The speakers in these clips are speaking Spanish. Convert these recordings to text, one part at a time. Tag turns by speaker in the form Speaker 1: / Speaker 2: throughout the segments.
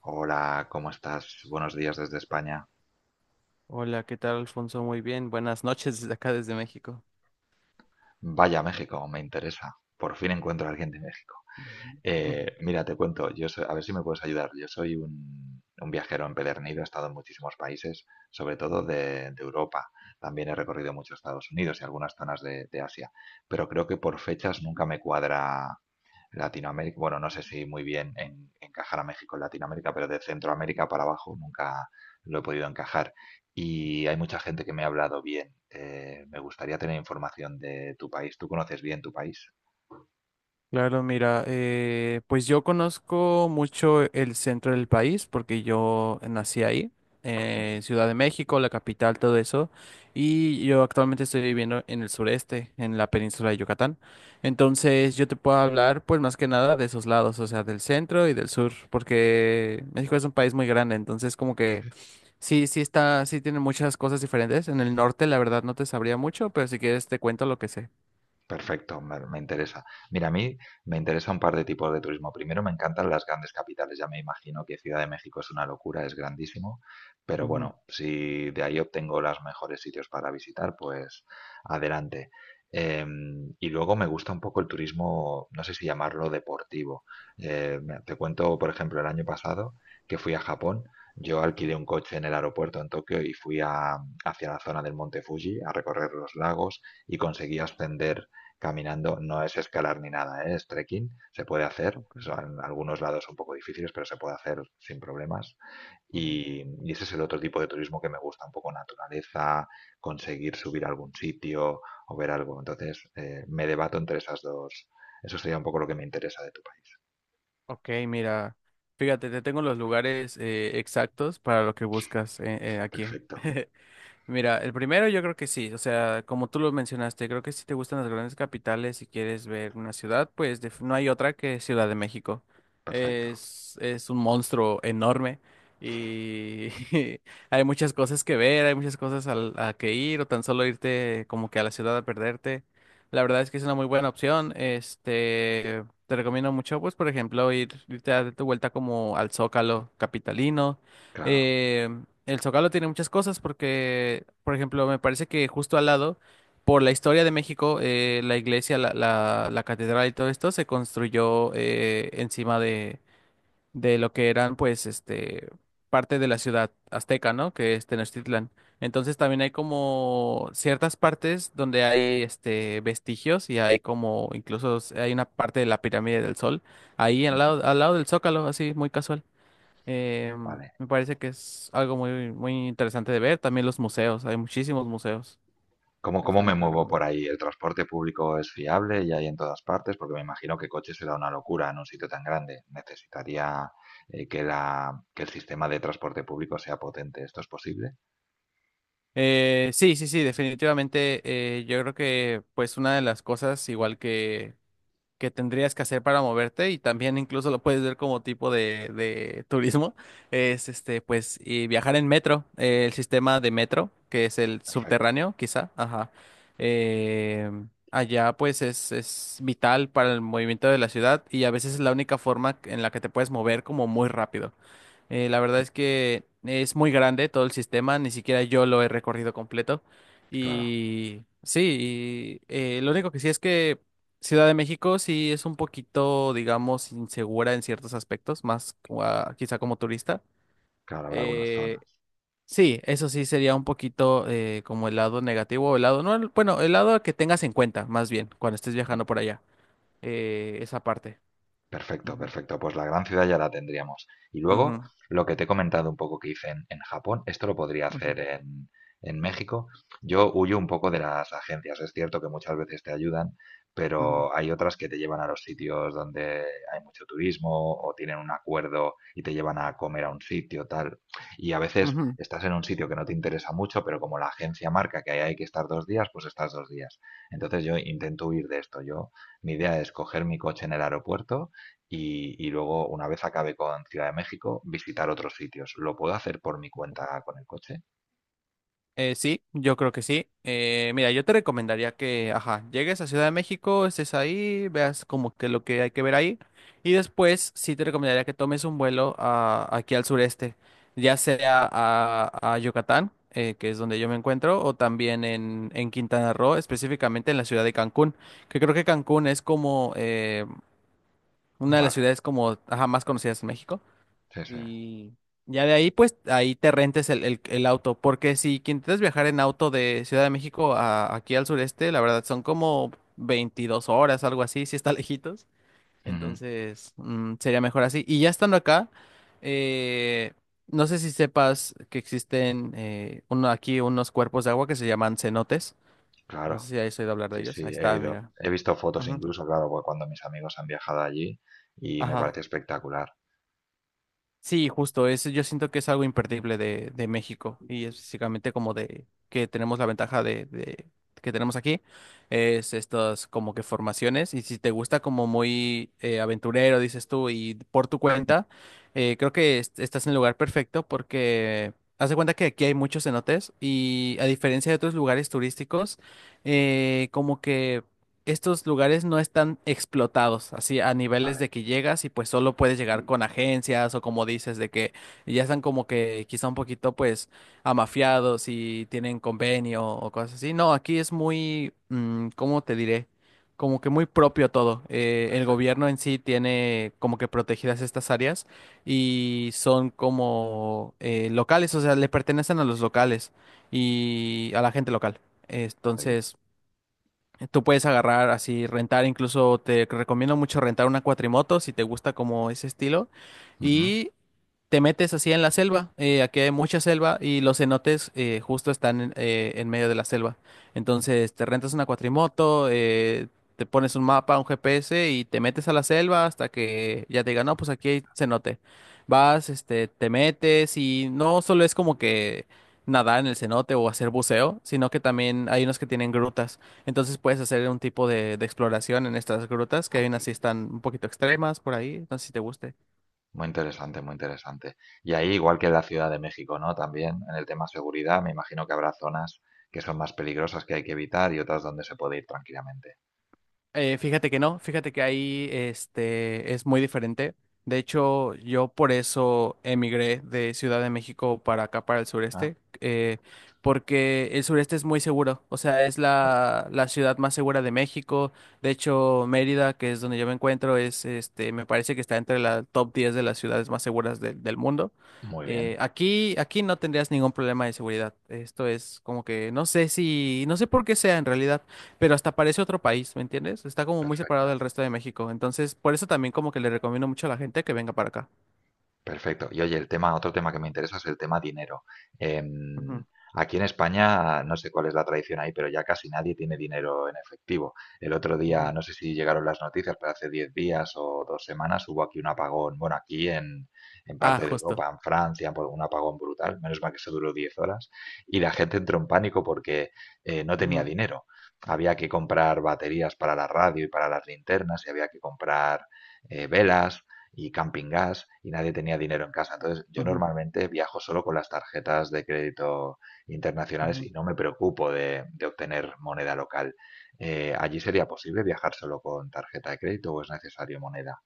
Speaker 1: Hola, ¿cómo estás? Buenos días desde España.
Speaker 2: Hola, ¿qué tal, Alfonso? Muy bien. Buenas noches desde acá, desde México.
Speaker 1: Vaya, México, me interesa. Por fin encuentro a alguien de México.
Speaker 2: Ujú,
Speaker 1: Mira, te cuento, a ver si me puedes ayudar. Yo soy un viajero empedernido, he estado en muchísimos países, sobre todo
Speaker 2: ujú.
Speaker 1: de Europa. También he recorrido mucho Estados Unidos y algunas zonas de Asia, pero creo que por fechas nunca me cuadra Latinoamérica, bueno, no sé si muy bien encajar a México en Latinoamérica, pero de Centroamérica para abajo nunca lo he podido encajar. Y hay mucha gente que me ha hablado bien. Me gustaría tener información de tu país. ¿Tú conoces bien tu país?
Speaker 2: Claro, mira, pues yo conozco mucho el centro del país porque yo nací ahí, Ciudad de México, la capital, todo eso, y yo actualmente estoy viviendo en el sureste, en la península de Yucatán. Entonces yo te puedo hablar pues más que nada de esos lados, o sea, del centro y del sur, porque México es un país muy grande, entonces como que sí está, sí tiene muchas cosas diferentes. En el norte, la verdad, no te sabría mucho, pero si quieres te cuento lo que sé.
Speaker 1: Perfecto, me interesa. Mira, a mí me interesa un par de tipos de turismo. Primero, me encantan las grandes capitales. Ya me imagino que Ciudad de México es una locura, es grandísimo. Pero
Speaker 2: Ujú.
Speaker 1: bueno, si de ahí obtengo los mejores sitios para visitar, pues adelante. Y luego me gusta un poco el turismo, no sé si llamarlo deportivo. Te cuento, por ejemplo, el año pasado que fui a Japón. Yo alquilé un coche en el aeropuerto en Tokio y hacia la zona del Monte Fuji a recorrer los lagos y conseguí ascender caminando, no es escalar ni nada, ¿eh? Es trekking, se puede hacer,
Speaker 2: Ok,
Speaker 1: son algunos lados un poco difíciles, pero se puede hacer sin problemas.
Speaker 2: ujú.
Speaker 1: Y ese es el otro tipo de turismo que me gusta, un poco naturaleza, conseguir subir a algún sitio o ver algo. Entonces, me debato entre esas dos. Eso sería un poco lo que me interesa de tu país.
Speaker 2: Ok, mira, fíjate, te tengo los lugares exactos para lo que buscas, aquí.
Speaker 1: Perfecto,
Speaker 2: Mira, el primero yo creo que sí, o sea, como tú lo mencionaste, creo que si te gustan las grandes capitales y quieres ver una ciudad, pues no hay otra que Ciudad de México.
Speaker 1: perfecto,
Speaker 2: Es un monstruo enorme y hay muchas cosas que ver, hay muchas cosas a que ir o tan solo irte como que a la ciudad a perderte. La verdad es que es una muy buena opción. Este, te recomiendo mucho, pues, por ejemplo, irte a dar tu vuelta como al Zócalo capitalino.
Speaker 1: claro,
Speaker 2: Eh, el Zócalo tiene muchas cosas porque, por ejemplo, me parece que justo al lado, por la historia de México, la iglesia, la catedral y todo esto se construyó encima de lo que eran, pues, este, parte de la ciudad azteca, ¿no? Que es Tenochtitlan. Entonces también hay como ciertas partes donde hay, este, vestigios y hay como, incluso hay una parte de la pirámide del Sol ahí al lado del Zócalo, así, muy casual. Eh,
Speaker 1: vale.
Speaker 2: me parece que es algo muy, muy interesante de ver. También los museos, hay muchísimos museos.
Speaker 1: ¿Cómo,
Speaker 2: Eso
Speaker 1: cómo me
Speaker 2: también te lo
Speaker 1: muevo por
Speaker 2: recomiendo.
Speaker 1: ahí? ¿El transporte público es fiable y hay en todas partes? Porque me imagino que coche será una locura en un sitio tan grande. Necesitaría que la, que el sistema de transporte público sea potente. ¿Esto es posible?
Speaker 2: Sí, sí, sí, definitivamente. Yo creo que pues una de las cosas, igual que tendrías que hacer para moverte y también incluso lo puedes ver como tipo de turismo, es este, pues, y viajar en metro, el sistema de metro, que es el
Speaker 1: Perfecto.
Speaker 2: subterráneo, quizá, ajá. Eh, allá pues es vital para el movimiento de la ciudad y a veces es la única forma en la que te puedes mover como muy rápido. La verdad es que es muy grande todo el sistema, ni siquiera yo lo he recorrido completo.
Speaker 1: Claro,
Speaker 2: Y sí, y, lo único que sí es que Ciudad de México sí es un poquito, digamos, insegura en ciertos aspectos, más como quizá como turista.
Speaker 1: claro, habrá algunas
Speaker 2: Eh,
Speaker 1: zonas.
Speaker 2: sí, eso sí sería un poquito como el lado negativo, o el lado, no, bueno, el lado que tengas en cuenta, más bien, cuando estés viajando por allá, esa parte.
Speaker 1: Perfecto,
Speaker 2: Ujú,
Speaker 1: perfecto. Pues la gran ciudad ya la tendríamos. Y luego,
Speaker 2: ujú,
Speaker 1: lo que te he comentado un poco que hice en, Japón, esto lo podría
Speaker 2: ujú,
Speaker 1: hacer en México. Yo huyo un poco de las agencias. Es cierto que muchas veces te ayudan,
Speaker 2: ujú,
Speaker 1: pero hay otras que te llevan a los sitios donde hay mucho turismo o tienen un acuerdo y te llevan a comer a un sitio, tal. Y a veces
Speaker 2: ujú.
Speaker 1: estás en un sitio que no te interesa mucho, pero como la agencia marca que ahí hay que estar 2 días, pues estás 2 días. Entonces yo intento huir de esto. Yo, mi idea es coger mi coche en el aeropuerto y luego, una vez acabe con Ciudad de México, visitar otros sitios. ¿Lo puedo hacer por mi cuenta con el coche?
Speaker 2: Sí, yo creo que sí. Mira, yo te recomendaría que, ajá, llegues a Ciudad de México, estés ahí, veas como que lo que hay que ver ahí. Y después sí te recomendaría que tomes un vuelo aquí al sureste, ya sea a Yucatán, que es donde yo me encuentro, o también en Quintana Roo, específicamente en la ciudad de Cancún, que creo que Cancún es como una de las
Speaker 1: Vale,
Speaker 2: ciudades como, ajá, más conocidas en México.
Speaker 1: sí, sí.
Speaker 2: Y ya de ahí, pues, ahí te rentes el auto. Porque si que intentas viajar en auto de Ciudad de México aquí al sureste, la verdad son como 22 horas, algo así, si está lejitos.
Speaker 1: Ujú.
Speaker 2: Entonces, sería mejor así. Y ya estando acá, eh, no sé si sepas que existen aquí unos cuerpos de agua que se llaman cenotes.
Speaker 1: Claro,
Speaker 2: No sé si has oído hablar de
Speaker 1: sí,
Speaker 2: ellos. Ahí
Speaker 1: sí,
Speaker 2: está, mira.
Speaker 1: he visto fotos
Speaker 2: Ujú.
Speaker 1: incluso, claro, porque cuando mis amigos han viajado allí y me
Speaker 2: Ajá.
Speaker 1: parece espectacular.
Speaker 2: Sí, justo, es, yo siento que es algo imperdible de México y es básicamente como de que tenemos la ventaja que tenemos aquí, es estas como que formaciones y si te gusta como muy aventurero, dices tú, y por tu cuenta, creo que estás en el lugar perfecto porque haz de cuenta que aquí hay muchos cenotes y a diferencia de otros lugares turísticos, como que estos lugares no están explotados, así a niveles
Speaker 1: Vale,
Speaker 2: de que llegas y pues solo puedes llegar con agencias o como dices, de que ya están como que quizá un poquito pues amafiados y tienen convenio o cosas así. No, aquí es muy, mm, ¿cómo te diré? Como que muy propio todo. El
Speaker 1: perfecto,
Speaker 2: gobierno en sí tiene como que protegidas estas áreas y son como locales, o sea, le pertenecen a los locales y a la gente local.
Speaker 1: muy bien.
Speaker 2: Entonces... Tú puedes agarrar así, rentar, incluso te recomiendo mucho rentar una cuatrimoto si te gusta como ese estilo.
Speaker 1: Ujú.
Speaker 2: Y te metes así en la selva. Aquí hay mucha selva y los cenotes justo están en medio de la selva. Entonces te rentas una cuatrimoto, te pones un mapa, un GPS y te metes a la selva hasta que ya te digan, no, pues aquí hay cenote. Vas, este, te metes y no solo es como que nadar en el cenote o hacer buceo, sino que también hay unos que tienen grutas. Entonces puedes hacer un tipo de exploración en estas grutas, que
Speaker 1: Ah,
Speaker 2: hay unas
Speaker 1: muy
Speaker 2: sí
Speaker 1: bien.
Speaker 2: están un poquito extremas por ahí, no sé si te guste.
Speaker 1: Muy interesante, muy interesante. Y ahí, igual que en la Ciudad de México, ¿no? También en el tema seguridad, me imagino que habrá zonas que son más peligrosas que hay que evitar y otras donde se puede ir tranquilamente.
Speaker 2: Fíjate que no, fíjate que ahí este, es muy diferente. De hecho, yo por eso emigré de Ciudad de México para acá, para el
Speaker 1: Ah,
Speaker 2: sureste, porque el sureste es muy seguro, o sea, es
Speaker 1: muy bien,
Speaker 2: la ciudad más segura de México. De hecho, Mérida, que es donde yo me encuentro, es, este, me parece que está entre la top 10 de las ciudades más seguras del mundo.
Speaker 1: muy bien.
Speaker 2: Aquí no tendrías ningún problema de seguridad. Esto es como que no sé si, no sé por qué sea en realidad pero hasta parece otro país, ¿me entiendes? Está como muy separado
Speaker 1: Perfecto,
Speaker 2: del resto de México. Entonces, por eso también como que le recomiendo mucho a la gente que venga para acá.
Speaker 1: perfecto. Y oye, el tema, otro tema que me interesa es el tema dinero. Em,
Speaker 2: Ujú,
Speaker 1: Aquí en España, no sé cuál es la tradición ahí, pero ya casi nadie tiene dinero en efectivo. El otro día,
Speaker 2: ujú.
Speaker 1: no sé si llegaron las noticias, pero hace 10 días o 2 semanas hubo aquí un apagón. Bueno, aquí en,
Speaker 2: Ah,
Speaker 1: parte de
Speaker 2: justo.
Speaker 1: Europa, en Francia, por un apagón brutal. Menos mal que eso duró 10 horas. Y la gente entró en pánico porque no tenía
Speaker 2: Ujú,
Speaker 1: dinero. Había que comprar baterías para la radio y para las linternas y había que comprar velas y camping gas y nadie tenía dinero en casa. Entonces, yo
Speaker 2: ujú,
Speaker 1: normalmente viajo solo con las tarjetas de crédito internacionales
Speaker 2: ujú.
Speaker 1: y no me preocupo de obtener moneda local. ¿Allí sería posible viajar solo con tarjeta de crédito o es necesario moneda?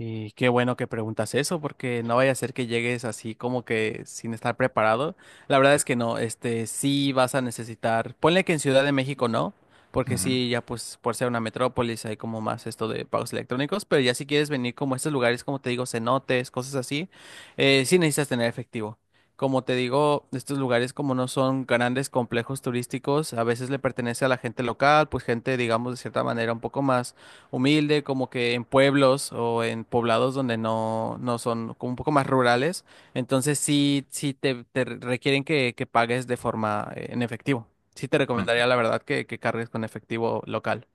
Speaker 2: Y qué bueno que preguntas eso, porque no vaya a ser que llegues así como que sin estar preparado. La verdad es que no, este, sí vas a necesitar, ponle que en Ciudad de México no, porque
Speaker 1: Ujú,
Speaker 2: sí, ya pues por ser una metrópolis hay como más esto de pagos electrónicos, pero ya si quieres venir como a estos lugares, como te digo, cenotes, cosas así, sí necesitas tener efectivo. Como te digo, estos lugares como no son grandes complejos turísticos, a veces le pertenece a la gente local, pues gente, digamos, de cierta manera un poco más humilde, como que en pueblos o en poblados donde no, no son como un poco más rurales. Entonces sí, te requieren que pagues de forma en efectivo. Sí te
Speaker 1: ujú.
Speaker 2: recomendaría la verdad que cargues con efectivo local.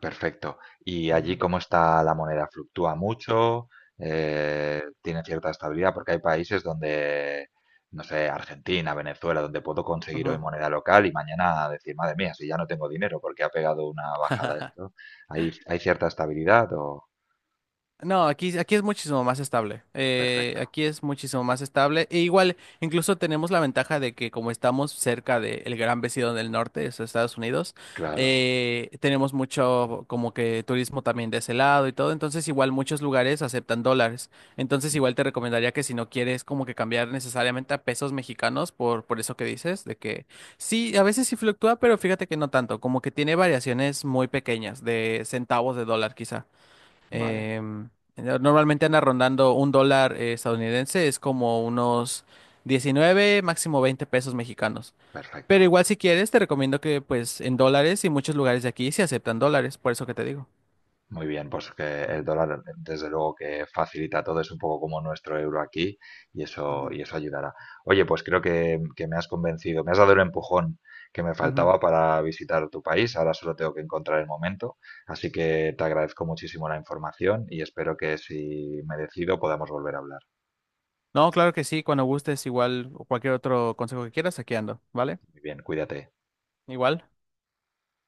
Speaker 1: Perfecto. ¿Y allí
Speaker 2: Ujú,
Speaker 1: cómo está la moneda? ¿Fluctúa mucho? ¿Tiene cierta estabilidad? Porque hay países donde, no sé, Argentina, Venezuela, donde puedo conseguir hoy
Speaker 2: ujú.
Speaker 1: moneda local y mañana decir, madre mía, si ya no tengo dinero porque ha pegado una bajada esto. ¿Hay cierta estabilidad o...?
Speaker 2: No, aquí es muchísimo más estable.
Speaker 1: Perfecto.
Speaker 2: Aquí es muchísimo más estable. E igual, incluso tenemos la ventaja de que como estamos cerca del gran vecino del norte, es Estados Unidos,
Speaker 1: Claro.
Speaker 2: tenemos mucho como que turismo también de ese lado y todo. Entonces, igual muchos lugares aceptan dólares. Entonces, igual te recomendaría que si no quieres como que cambiar necesariamente a pesos mexicanos por eso que dices, de que sí, a veces sí fluctúa, pero fíjate que no tanto, como que tiene variaciones muy pequeñas de centavos de dólar quizá.
Speaker 1: Vale.
Speaker 2: Em, normalmente anda rondando un dólar estadounidense, es como unos 19 máximo 20 pesos mexicanos. Pero
Speaker 1: Perfecto.
Speaker 2: igual si quieres, te recomiendo que pues en dólares y muchos lugares de aquí se aceptan dólares, por eso que te digo.
Speaker 1: Muy bien, pues que el
Speaker 2: Ujú,
Speaker 1: dólar desde luego que facilita todo, es un poco como nuestro euro aquí
Speaker 2: ujú.
Speaker 1: y eso ayudará. Oye, pues creo que me has convencido, me has dado el empujón que me
Speaker 2: Ujú.
Speaker 1: faltaba para visitar tu país, ahora solo tengo que encontrar el momento, así que te agradezco muchísimo la información y espero que si me decido podamos volver a hablar.
Speaker 2: No, claro que sí, cuando gustes, igual o cualquier otro consejo que quieras, aquí ando, ¿vale?
Speaker 1: Muy bien, cuídate.
Speaker 2: Igual.